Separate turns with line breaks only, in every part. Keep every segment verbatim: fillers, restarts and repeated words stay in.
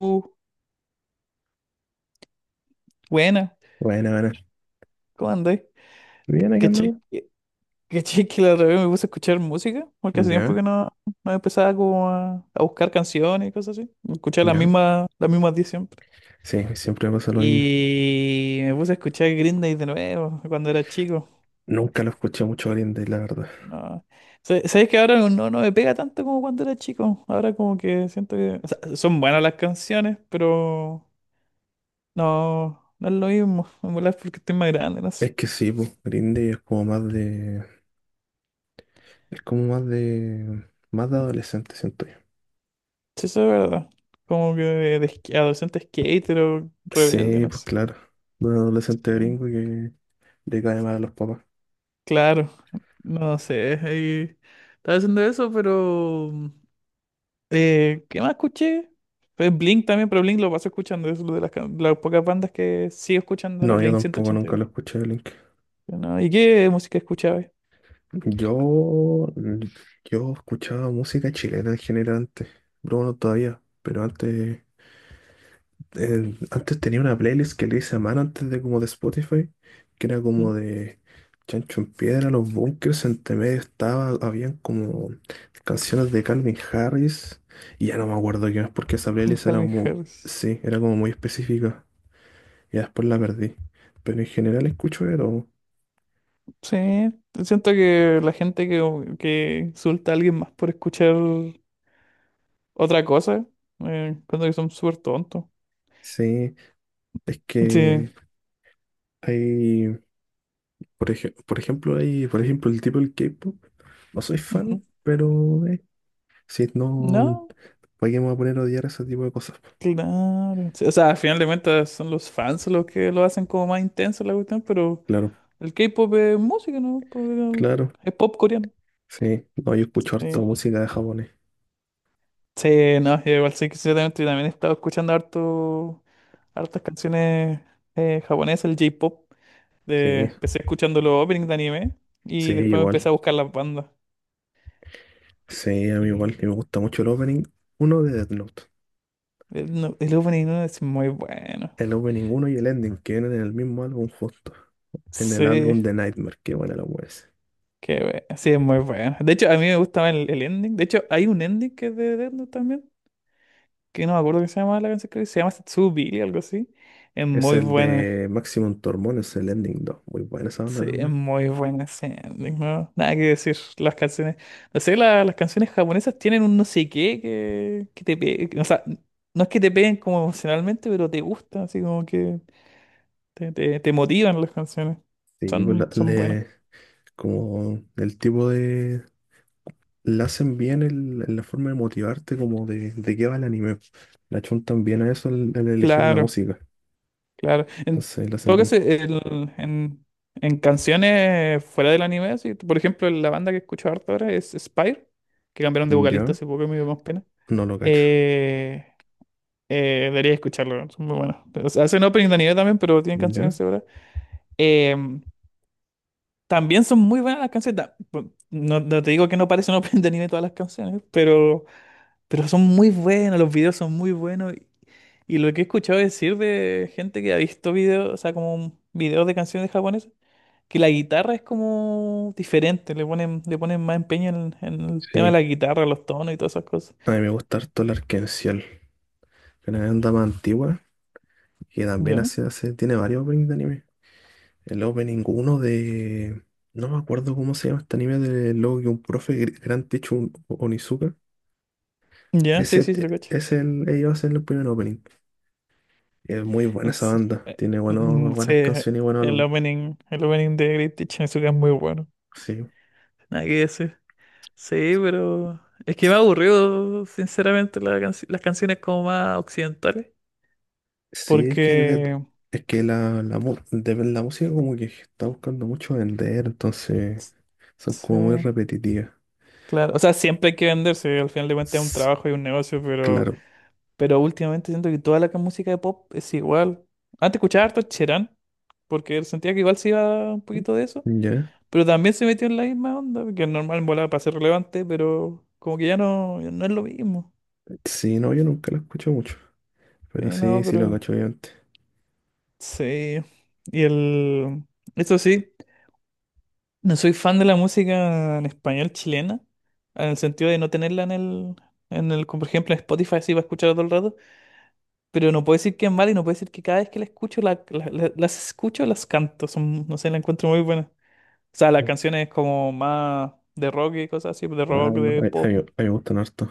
Uh, Buena,
Bueno, bueno.
¿cómo andáis?
Bien, aquí
¿Cachai?
andamos.
que cachai que la otra vez me puse a escuchar música. Porque hace tiempo
Ya,
que no, no empezaba como a, a buscar canciones y cosas así. Escuchaba las
ya.
mismas, las mismas diez siempre.
Sí, siempre me pasa lo mismo.
Y me puse a escuchar Green Day de nuevo cuando era chico.
Nunca lo escuché mucho a Green Day, la verdad.
No. Sa- ¿Sabes que ahora no, no me pega tanto como cuando era chico? Ahora como que siento que, o sea, son buenas las canciones, pero no, no es lo mismo. Me molesta porque estoy más grande, no.
Es que sí, pues, Green Day es como más de... Es como más de... Más de adolescente, siento yo.
Sí, eso es verdad. Como que de, de sk- adolescente skater o rebelde,
Sí,
no
pues
sé.
claro. De un adolescente
Sí,
gringo que le cae mal a los papás.
claro, no sé. Ahí estaba haciendo eso, pero mm, eh, ¿qué más escuché? Pues Blink también, pero Blink lo paso escuchando, es de las, can- las pocas bandas que sigo escuchando, ahora,
No, yo
Blink
tampoco nunca
ciento ochenta y dos.
lo escuché, Blink.
¿No? ¿Y qué música escuchaba?
Yo... Yo escuchaba música chilena en general antes. Bruno todavía, pero antes... eh, antes tenía una playlist que le hice a mano antes de como de Spotify, que era
¿Mm?
como de Chancho en Piedra, Los Bunkers, entre medio estaba, habían como canciones de Calvin Harris, y ya no me acuerdo qué más, porque esa playlist era
Calvin
como,
Harris.
sí, era como muy específica, y después la perdí. Pero en general escucho de todo.
Sí, siento que la gente que, que insulta a alguien más por escuchar otra cosa, eh, cuando que son súper tontos.
Sí, es
Sí.
que hay, por ej- por ejemplo, hay, por ejemplo, el tipo del K-pop, no soy
Ujú.
fan, pero eh, sí, no.
No,
¿Para qué me voy a poner a odiar ese tipo de cosas?
claro. Sí, o sea, al final de cuentas son los fans los que lo hacen como más intenso la cuestión, pero
Claro,
el K-pop es música, ¿no? Pues, eh,
claro.
es pop coreano.
Sí, no, yo escucho harto
Sí,
música de japonés.
sí, no, yo igual sí que ciertamente yo también he estado escuchando harto, hartas canciones eh, japonesas, el J-pop. De-
Sí,
Empecé escuchando los openings de anime
sí,
y después me empecé
igual.
a buscar las bandas.
Sí, a
Y-
mí
y-
igual. Y me gusta mucho el opening uno de Death Note.
El, no- el opening no es muy bueno.
El opening uno y el ending que vienen en el mismo álbum justo. En el álbum
Sí.
de Nightmare, qué buena la wea ese.
Qué bueno. Sí, es muy bueno. De hecho, a mí me gustaba el, el ending. De hecho, hay un ending que es de Death Note también, que no me acuerdo qué se llama la canción, creo que se llama Tsubiri, algo así. Es
Es
muy
el
buena.
de Maximum Tormón, es el ending dos. Muy buena esa banda
Sí, es
también.
muy buena ese ending, ¿no? Nada que decir. Las canciones, no sé, la- las canciones japonesas tienen un no sé qué que, que te pe- o sea, no es que te peguen como emocionalmente, pero te gusta así como que te, te, te motivan las canciones.
Sí, pues la-
Son, son buenas.
le, como el tipo de, la hacen bien el- en la forma de motivarte, como de, de qué va el anime. La chuntan bien a eso al, al elegir la
Claro.
música.
Claro. En
Entonces la hacen
todo caso,
bien.
el- en, en canciones fuera del anime, así por ejemplo, la banda que escucho harto ahora es Spire, que cambiaron de vocalista
¿Ya?
hace poco, me dio más pena.
No lo cacho.
Eh, eh, Debería escucharlo, son muy buenos. O sea, hacen opening de anime también, pero tienen
¿Ya?
canciones ahora. Eh, También son muy buenas las canciones. ta- pu- No, no te digo que no parecen opening de anime todas las canciones, pero, pero son muy buenas, los videos son muy buenos. Y lo que he escuchado decir de gente que ha visto videos, o sea, como videos de canciones japonesas, que la guitarra es como diferente, le ponen, le ponen más empeño en, en el tema de
Sí.
la guitarra, los tonos y todas esas cosas.
A mí me gusta harto el Arc Ciel, que no es una banda más antigua y también
Ya,
hace, hace, tiene varios openings de anime. El opening uno de... No me acuerdo cómo se llama este anime de luego que un profe, Gr- Gran Teacher Un- Onizuka.
ya, sí,
Ese
sí, sí, lo
te-
cacho.
es el, ellos hacen el primer opening. Es muy buena
En
esa
se-
banda.
eh,
Tiene buenos,
mm, Sí,
buenas canciones y buenos
el
álbumes.
opening, el opening de Great Teacher Azúcar es muy bueno.
Sí,
Nada que decir. Sí, pero es que me ha aburrido, sinceramente, la canci- las canciones como más occidentales.
sí, es que, de-
Porque,
es que la, la, mu- de- la música como que está buscando mucho vender, entonces
s-
son
sí,
como muy repetitivas.
claro. O sea, siempre hay que venderse, al final de cuentas es un
S-
trabajo y un negocio, pero.
Claro,
Pero últimamente siento que toda la ca- música de pop es igual. Antes escuchaba harto Cherán, porque sentía que igual se iba un poquito de eso,
ya.
pero también se metió en la misma onda, que es normal volar para ser relevante, pero como que ya no, ya no es lo mismo.
Sí, no, yo nunca la escucho mucho, pero
Sí, no,
sí, sí lo
pero
cacho antes.
sí. Y el... Eso sí, no soy fan de la música en español chilena, en el sentido de no tenerla en el... En el, como por ejemplo, en Spotify, así para escuchar todo el rato. Pero no puedo decir que es mala y no puedo decir que cada vez que la escucho, la- la- la- las escucho, las canto. Son, no sé, la encuentro muy buena. O sea, las canciones como más de rock y cosas así, de
Ah,
rock,
no,
de
a, a mí
pop.
a mí me gustan harto.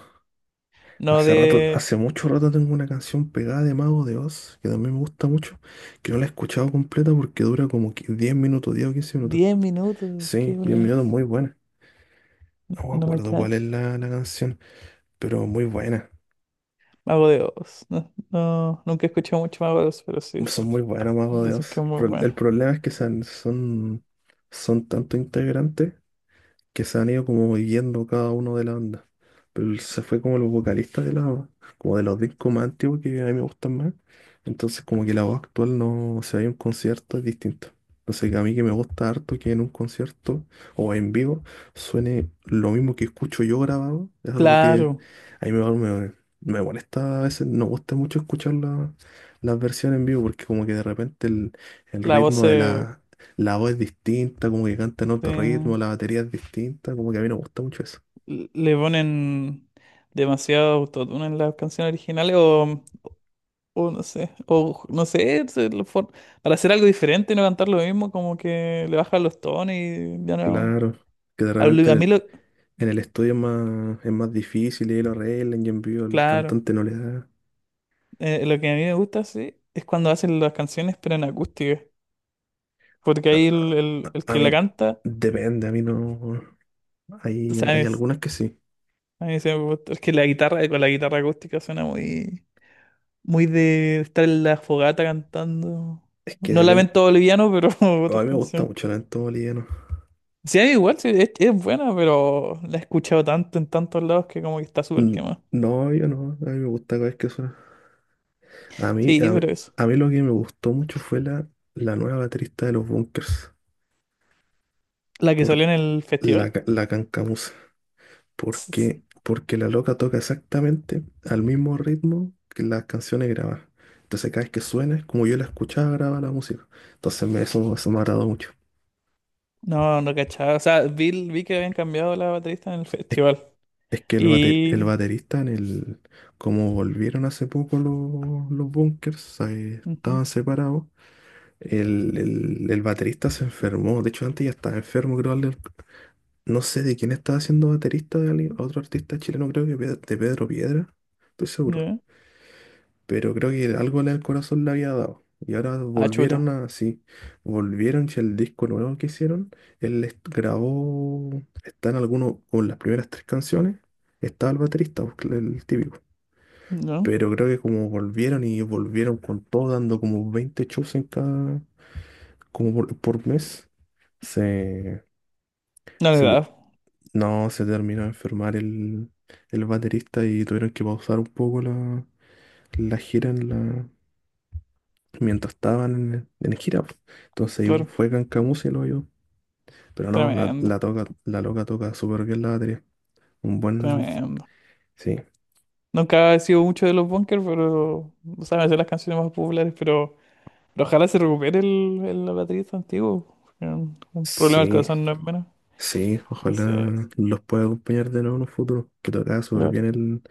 No
Hace rato,
de
hace mucho rato tengo una canción pegada de Mago de Oz, que también me gusta mucho, que no la he escuchado completa porque dura como qui- diez minutos, diez o quince minutos.
diez minutos, qué
Sí, diez
bola,
minutos, muy buena. No me
no la
acuerdo cuál es
cacho.
la, la canción, pero muy buena.
Mago de Oz. No, no, nunca he escuchado mucho Mago de Oz, pero sí,
Son muy buenas Mago de
dicen que
Oz.
es muy
Pro-
bueno.
el problema es que son, son, son tantos integrantes que se han ido como viviendo cada uno de la banda. Pero él se fue como los vocalistas de la, como de los discos más antiguos que a mí me gustan más. Entonces como que la voz actual no, se si hay un concierto es distinto. Entonces a mí que me gusta harto que en un concierto o en vivo suene lo mismo que escucho yo grabado. Es algo
Claro,
que a mí me, me, me molesta a veces, no gusta mucho escuchar la- las versiones en vivo porque como que de repente el, el
la voz
ritmo de
se,
la, la voz es distinta, como que canta en otro ritmo,
se-
la batería es distinta, como que a mí no me gusta mucho eso.
le ponen demasiado autotune en las canciones originales o O no sé, o no sé, se lo for- para hacer algo diferente y no cantar lo mismo, como que le bajan los tonos y ya no.
Claro, que de
A,
repente
lo-
en
a mí
el,
lo,
en el estudio es más, es más difícil y ahí lo arreglan y en vivo el
claro,
cantante no le da.
eh, lo que a mí me gusta, sí, es cuando hacen las canciones pero en acústica, porque
A,
ahí el, el, el
a- a
que
mí
la canta,
depende, a mí no. Hay, hay
¿sabes?
algunas que sí.
A mí se me gusta, es que la guitarra, con la guitarra acústica suena muy, muy de estar en la fogata cantando.
Es que
No
depende.
lamento boliviano, pero
A
otras
mí me gusta
canciones.
mucho el entorno boliviano.
Sí, igual, sí, es, es buena, pero la he escuchado tanto en tantos lados que como que está súper
Mm,
quemada.
no, yo no, a mí me gusta cada vez que suena. A mí,
Sí,
a mí,
pero eso.
a mí lo que me gustó mucho fue la, la nueva baterista de los Bunkers,
La que
por
salió en el
la,
festival.
ca- la Cancamusa.
s- s-
Porque, porque la loca toca exactamente al mismo ritmo que las canciones grabadas. Entonces cada vez que suena, es como yo la escuchaba, graba la música. Entonces me- eso, eso me ha agradó mucho.
No, no cachaba. O sea, vi, vi que habían cambiado la baterista en el
Es,
festival.
es que el, bate- el
Y...
baterista en el... Como volvieron hace poco los, los bunkers, eh,
Ujú,
estaban separados. El, el- el baterista se enfermó. De hecho, antes ya estaba enfermo, creo. al- No sé de quién estaba siendo baterista de alguien- otro artista chileno, creo que Pe- de Pedro Piedra. Estoy seguro.
ya.
Pero creo que algo en el corazón le había dado. Y ahora
Ah, chuta.
volvieron a, sí, volvieron si el disco nuevo que hicieron, él les grabó, están algunos, con las primeras tres canciones, estaba el baterista, pues, el típico.
No,
Pero creo que como volvieron y volvieron con todo, dando como veinte shows en cada, como por, por mes, se,
no le
se te-
da.
no, se terminó de enfermar el, el baterista y tuvieron que pausar un poco la, la gira en la, mientras estaban en, en gira, pues. Entonces yo-
Claro.
fue Cancamusa y lo yo. Pero no, la,
Tremendo,
la, toca, la loca toca súper bien la batería. Un buen...
tremendo.
Sí,
Nunca he sido mucho de los bunkers, pero, o sea, me sé las canciones más populares, pero... pero ojalá se recupere el, el baterista antiguo. Porque Un un problema del
sí,
corazón no es menos.
sí.
Sí. Sí.
Ojalá los pueda acompañar de nuevo en un futuro. Que tocaba súper
Claro.
bien el...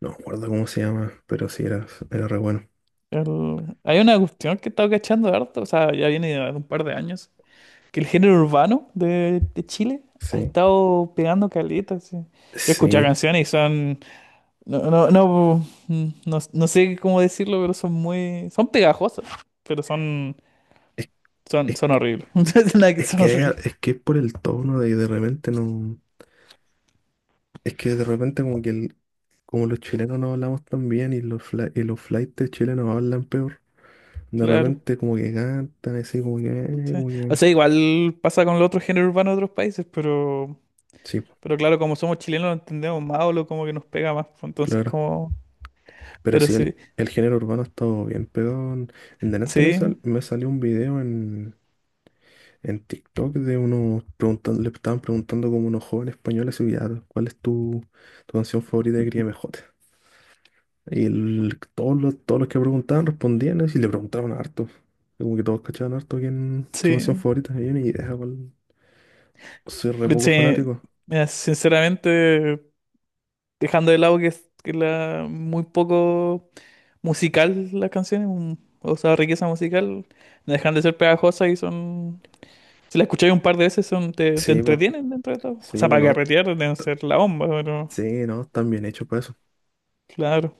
No me acuerdo cómo se llama, pero sí, era, era re bueno.
El- Hay una cuestión que he estado cachando harto, o sea, ya viene de un par de años, que el género urbano de, de Chile ha
Sí,
estado pegando caleta, sí. Yo he escuchado
sí.
canciones y son, no, no, no, mm, no, no sé cómo decirlo, pero son muy, son pegajosas, pero son,
Es,
son,
es,
son
que-
horribles, no es nada que
es
son
que hay a-
horribles,
es que es por el tono de, de repente no... Es que de repente como que el, como los chilenos no hablamos tan bien y los, fla- y los flaites chilenos hablan peor. De
claro.
repente como que cantan así, como que, eh,
Sí.
como
O
que...
sea, igual pasa con el otro género urbano de otros países, pero,
Sí, po,
pero claro, como somos chilenos lo entendemos más o lo como que nos pega más, pues, entonces
claro.
como,
Pero
pero
sí, el,
sí.
el género urbano ha estado bien pegado. En, en delante me,
Sí,
sal- me salió un video en, en TikTok de unos preguntando, le estaban preguntando como unos jóvenes españoles, y ya, ¿cuál es tu, tu canción favorita de Mejor? Y el- todos los, todos los que preguntaban respondían así, y le preguntaban harto. Como que todos cachaban harto quién su canción
sí,
favorita. Y yo ni idea cuál. Soy re poco
sí,
fanático.
mira, sinceramente, dejando de lado que es que la muy poco musical las canciones, un- o sea, riqueza musical, no dejan de ser pegajosas y son, si las escucháis un par de veces, son, te, te
Sí, pues.
entretienen dentro de todo. O
Sí,
sea,
pues
para
no.
carretear deben ser la bomba, pero
Sí, no, están bien hechos para eso.
claro,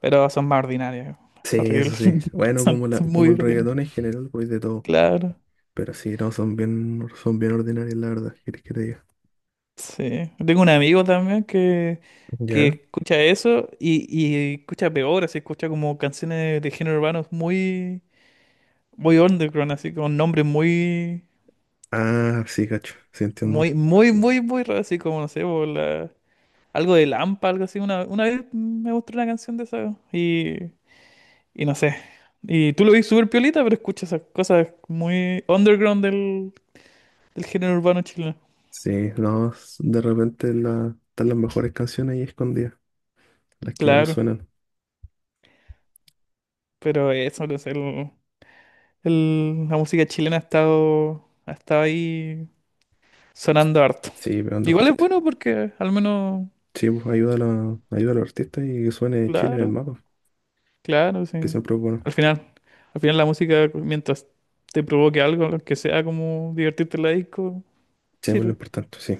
pero son más ordinarias,
Sí, eso
horrible,
sí. Bueno,
son
como la, como
muy
el
ordinarias,
reggaetón en general, pues de todo.
claro.
Pero sí, no, son bien, son bien ordinarias la verdad, ¿quieres que te diga?
Sí, tengo un amigo también que, que
¿Ya?
escucha eso y, y escucha peor, así escucha como canciones de género urbano muy, muy underground, así con nombres muy,
Ah, sí, cacho, sí entiendo.
muy, muy, muy, muy raros, así como, no sé, por la- algo de Lampa, algo así. Una, una vez me mostró una canción de esa y, y no sé. Y tú lo ves súper piolita, pero escuchas esas cosas muy underground del, del género urbano chileno.
Sí, no, s- de repente la, están las mejores canciones ahí escondidas, las que menos
Claro,
suenan.
pero eso, no sé, el- la música chilena ha estado, ha estado ahí sonando harto.
Sí, pegando
Igual es
fuerte.
bueno porque al menos,
Sí, pues ayuda a, la- ayuda a los artistas y que suene Chile en el
claro,
mapa,
claro, sí.
que siempre es bueno.
Al final, al final la música, mientras te provoque algo, lo que sea como divertirte en la disco,
Siempre es lo
sirve.
importante, sí.